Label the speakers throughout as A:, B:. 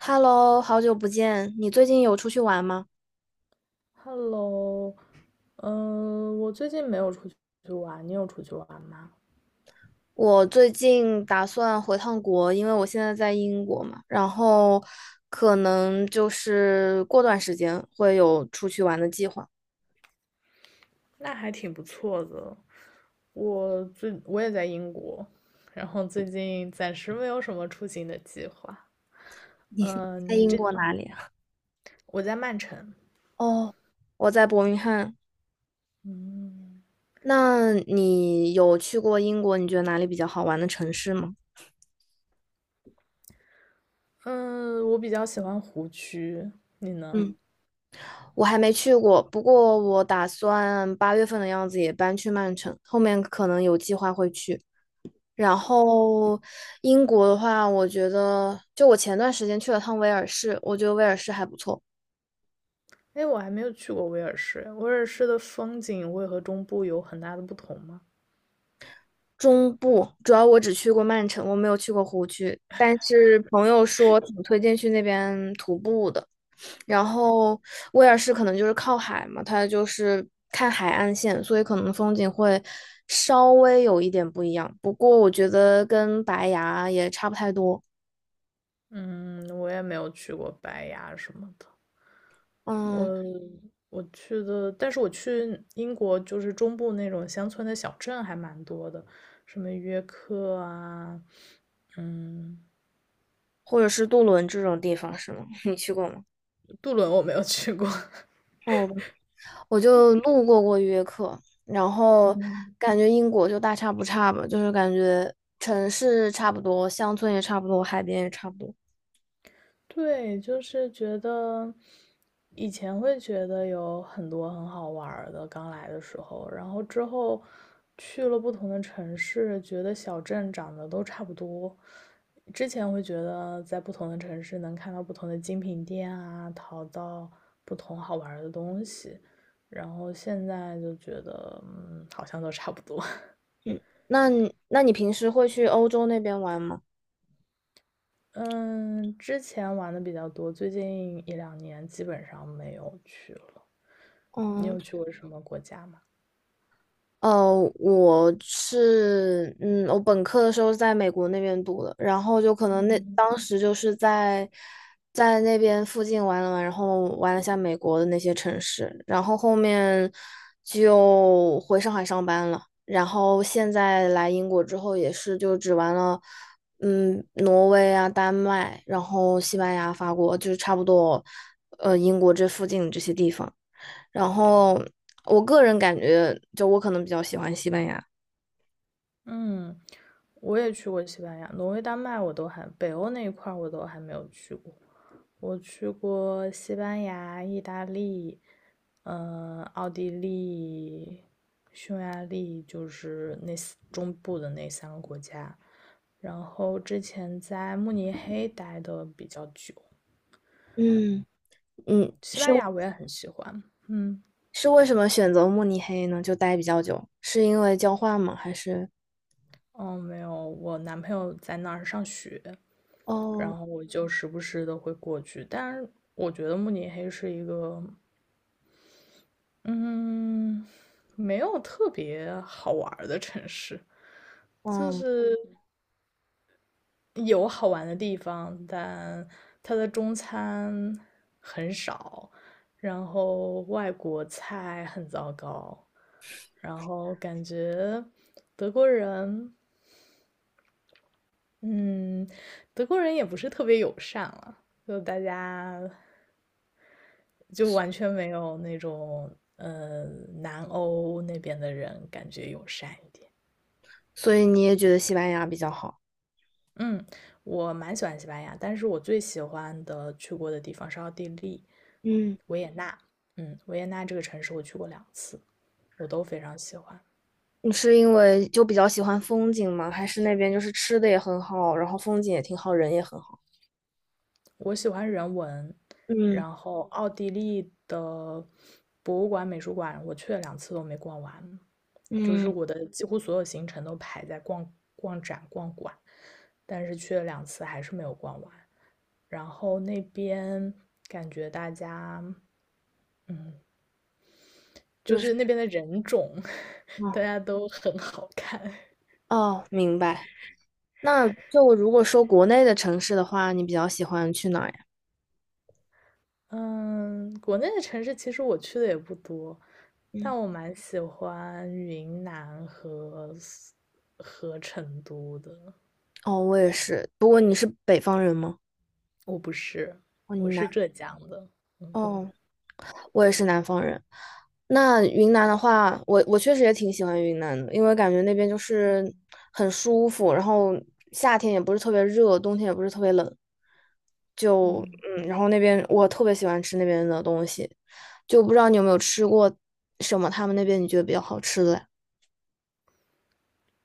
A: Hello，好久不见，你最近有出去玩吗？
B: Hello，我最近没有出去玩，你有出去玩吗？
A: 我最近打算回趟国，因为我现在在英国嘛，然后可能就是过段时间会有出去玩的计划。
B: 那还挺不错的。我也在英国，然后最近暂时没有什么出行的计划。
A: 在
B: 嗯，你
A: 英
B: 这
A: 国哪里啊？
B: 我在曼城。
A: 哦，我在伯明翰。
B: 嗯
A: 那你有去过英国？你觉得哪里比较好玩的城市吗？
B: 嗯，我比较喜欢湖区，你呢？
A: 嗯，我还没去过，不过我打算8月份的样子也搬去曼城，后面可能有计划会去。然后英国的话，我觉得就我前段时间去了趟威尔士，我觉得威尔士还不错。
B: 哎，我还没有去过威尔士，威尔士的风景会和中部有很大的不同吗？
A: 中部主要我只去过曼城，我没有去过湖区，但是朋友说挺推荐去那边徒步的。然后威尔士可能就是靠海嘛，它就是看海岸线，所以可能风景会稍微有一点不一样。不过我觉得跟白崖也差不太多，
B: 嗯，我也没有去过白崖什么的。我
A: 嗯，
B: 我去的，但是我去英国就是中部那种乡村的小镇还蛮多的，什么约克啊。嗯。
A: 或者是杜伦这种地方是吗？你去过吗？
B: 杜伦我没有去过。
A: 嗯，我就路过过约克，然后 感觉英国就大差不差吧，就是感觉城市差不多，乡村也差不多，海边也差不多。
B: 对，就是觉得以前会觉得有很多很好玩儿的，刚来的时候，然后之后去了不同的城市，觉得小镇长得都差不多。之前会觉得在不同的城市能看到不同的精品店啊，淘到不同好玩儿的东西，然后现在就觉得，好像都差不多。
A: 嗯，那你平时会去欧洲那边玩吗？
B: 嗯，之前玩的比较多，最近一两年基本上没有去了。你
A: 嗯。
B: 有去过什么国家吗？
A: 呃，我是，嗯，我本科的时候是在美国那边读的，然后就可能那当时就是在那边附近玩了玩，然后玩了下美国的那些城市，然后后面就回上海上班了，然后现在来英国之后也是就只玩了，挪威啊、丹麦，然后西班牙、法国，就是差不多，英国这附近这些地方。然后我个人感觉，就我可能比较喜欢西班牙。
B: 嗯，我也去过西班牙、挪威、丹麦，我都还北欧那一块儿我都还没有去过。我去过西班牙、意大利，奥地利、匈牙利，就是中部的那3个国家。然后之前在慕尼黑待的比较久，
A: 嗯，嗯，
B: 西
A: 是
B: 班牙我也很喜欢。嗯，
A: 是为什么选择慕尼黑呢？就待比较久，是因为交换吗？还是
B: 哦，没有，我男朋友在那儿上学，
A: 哦，
B: 然后我就时不时的会过去。但是我觉得慕尼黑是一个，嗯，没有特别好玩儿的城市，就
A: 嗯，
B: 是有好玩的地方，但它的中餐很少，然后外国菜很糟糕，然后感觉德国人，嗯，德国人也不是特别友善了，就大家就完全没有那种呃南欧那边的人感觉友善一点。
A: 所以你也觉得西班牙比较好？
B: 嗯，我蛮喜欢西班牙，但是我最喜欢的去过的地方是奥地利
A: 嗯，
B: 维也纳。嗯。维也纳这个城市我去过两次，我都非常喜欢。
A: 你是因为就比较喜欢风景吗？还是那边就是吃的也很好，然后风景也挺好，人也很好？
B: 我喜欢人文，
A: 嗯，
B: 然后奥地利的博物馆、美术馆，我去了两次都没逛完，就是
A: 嗯，
B: 我的几乎所有行程都排在逛逛展、逛馆，但是去了两次还是没有逛完。然后那边感觉大家就
A: 就是
B: 是那边的人种，
A: 哦
B: 大家都很好看。
A: 哦，明白。那就如果说国内的城市的话，你比较喜欢去哪儿呀？
B: 嗯，国内的城市其实我去的也不多，
A: 嗯。
B: 但我蛮喜欢云南和成都的。
A: 哦，我也是。不过你是北方人吗？
B: 我不是，
A: 哦，
B: 我是浙江的。嗯
A: 哦，我也是南方人。那云南的话，我确实也挺喜欢云南的，因为感觉那边就是很舒服，然后夏天也不是特别热，冬天也不是特别冷，就
B: 嗯。
A: 然后那边我特别喜欢吃那边的东西，就不知道你有没有吃过什么他们那边你觉得比较好吃的呀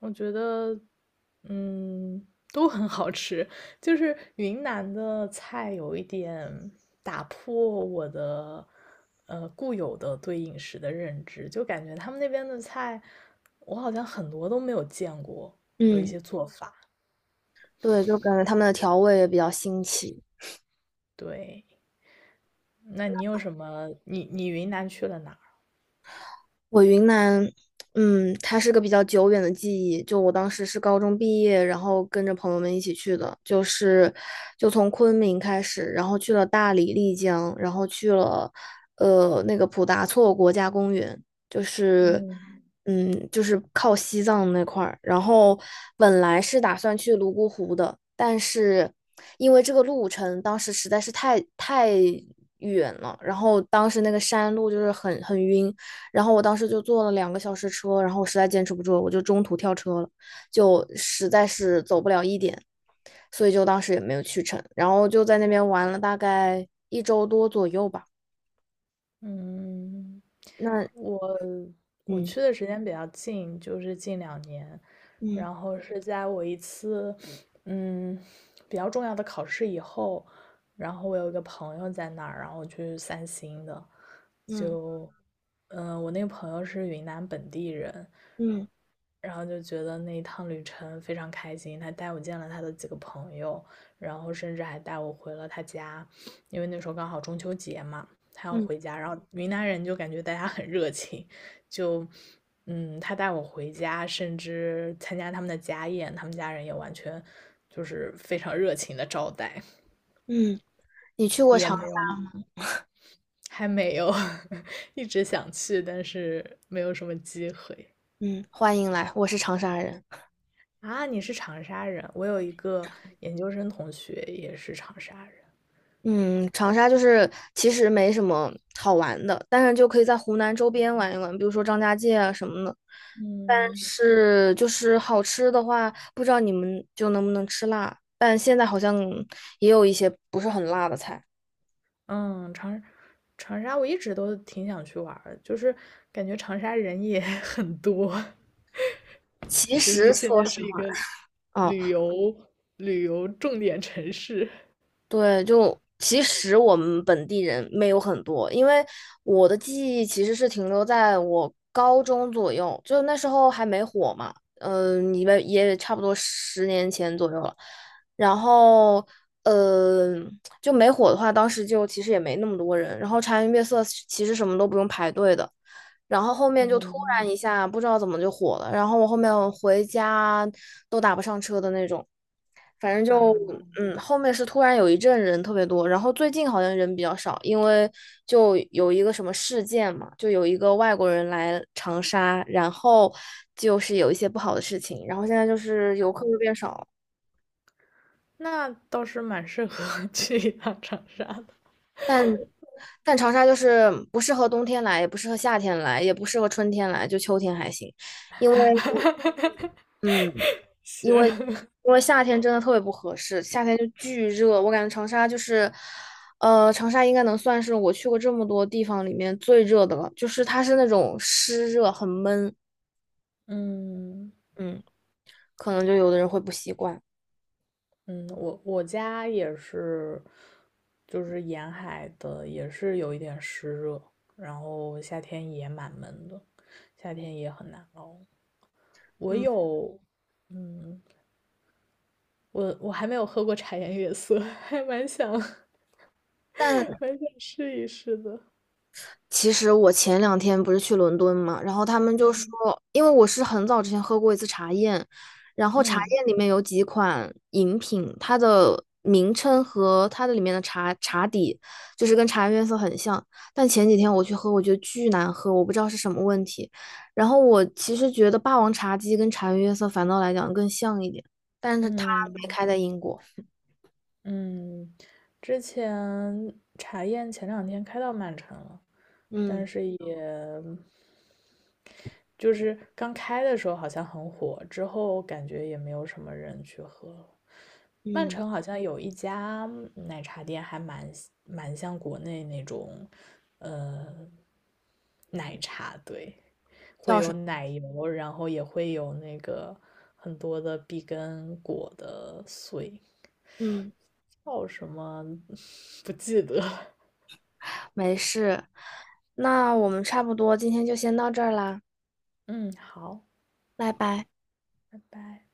B: 我觉得，嗯，都很好吃。就是云南的菜有一点打破我的固有的对饮食的认知，就感觉他们那边的菜，我好像很多都没有见过，有一
A: 嗯，
B: 些做法。
A: 对，就感觉他们的调味也比较新奇。
B: 对，那你有什么？你云南去了哪儿？
A: 我云南，它是个比较久远的记忆。就我当时是高中毕业，然后跟着朋友们一起去的，就是就从昆明开始，然后去了大理、丽江，然后去了那个普达措国家公园，就是
B: 嗯
A: 就是靠西藏那块儿。然后本来是打算去泸沽湖的，但是因为这个路程当时实在是太远了，然后当时那个山路就是很晕。然后我当时就坐了2个小时车，然后我实在坚持不住了，我就中途跳车了，就实在是走不了一点，所以就当时也没有去成，然后就在那边玩了大概一周多左右吧。
B: 嗯，
A: 那
B: 我我
A: 嗯
B: 去的时间比较近，就是近两年，
A: 嗯
B: 然后是在我一次嗯比较重要的考试以后，然后我有一个朋友在那儿，然后去散心的，
A: 嗯
B: 就我那个朋友是云南本地人，
A: 嗯
B: 然后就觉得那一趟旅程非常开心，他带我见了他的几个朋友，然后甚至还带我回了他家，因为那时候刚好中秋节嘛，他要
A: 嗯
B: 回家。然后云南人就感觉大家很热情，就他带我回家，甚至参加他们的家宴，他们家人也完全就是非常热情的招待，
A: 嗯
B: 也没有还没有 一直想去，但是没有什么机会。
A: 嗯，欢迎来，我是长沙人。
B: 啊，你是长沙人，我有一个研究生同学也是长沙人。
A: 嗯，长沙就是其实没什么好玩的，但是就可以在湖南周边玩一玩，比如说张家界啊什么的。
B: 嗯，
A: 是，就是好吃的话，不知道你们就能不能吃辣，但现在好像也有一些不是很辣的菜。
B: 嗯，长沙我一直都挺想去玩儿的就是感觉长沙人也 很多，
A: 其
B: 就是
A: 实
B: 现
A: 说
B: 在是
A: 实
B: 一
A: 话，
B: 个
A: 啊、
B: 旅游旅游重点城市。
A: 对，就其实我们本地人没有很多，因为我的记忆其实是停留在我高中左右，就那时候还没火嘛，嗯、你们也差不多10年前左右了。然后，呃，就没火的话，当时就其实也没那么多人。然后茶颜悦色其实什么都不用排队的。然后后面就突然
B: 嗯，
A: 一下不知道怎么就火了，然后我后面回家都打不上车的那种。反正就
B: 啊，
A: 后面是突然有一阵人特别多，然后最近好像人比较少，因为就有一个什么事件嘛，就有一个外国人来长沙，然后就是有一些不好的事情，然后现在就是游客就变少了。
B: 那倒是蛮适合 去一趟长沙的。
A: 但但长沙就是不适合冬天来，也不适合夏天来，也不适合春天来，就秋天还行，因为 嗯。因为
B: 行，
A: 因为夏天真的特别不合适，夏天就巨热，我感觉长沙就是，长沙应该能算是我去过这么多地方里面最热的了，就是它是那种湿热，很闷，
B: 嗯
A: 嗯，可能就有的人会不习惯，
B: 嗯，我家也是，就是沿海的也是有一点湿热，然后夏天也蛮闷的，夏天也很难熬。我
A: 嗯，
B: 有，嗯，我还没有喝过茶颜悦色，还蛮想
A: 但
B: 蛮想试一试的。
A: 其实我前两天不是去伦敦嘛，然后他们就说，
B: 嗯
A: 因为我是很早之前喝过一次茶宴，然后茶
B: 嗯
A: 宴里面有几款饮品，它的名称和它的里面的茶底就是跟茶颜悦色很像，但前几天我去喝，我觉得巨难喝，我不知道是什么问题。然后我其实觉得霸王茶姬跟茶颜悦色反倒来讲更像一点，但是它没
B: 嗯
A: 开在英国。
B: 嗯，之前茶宴前两天开到曼城了，
A: 嗯
B: 就是刚开的时候好像很火，之后感觉也没有什么人去喝了。曼
A: 嗯，
B: 城好像有一家奶茶店，还蛮像国内那种奶茶，对，会
A: 叫什
B: 有
A: 么？
B: 奶油，然后也会有那个很多的碧根果的碎，
A: 嗯。
B: 叫什么 不记得了。
A: 没事，那我们差不多今天就先到这儿啦，
B: 嗯，好，
A: 拜拜。
B: 拜拜。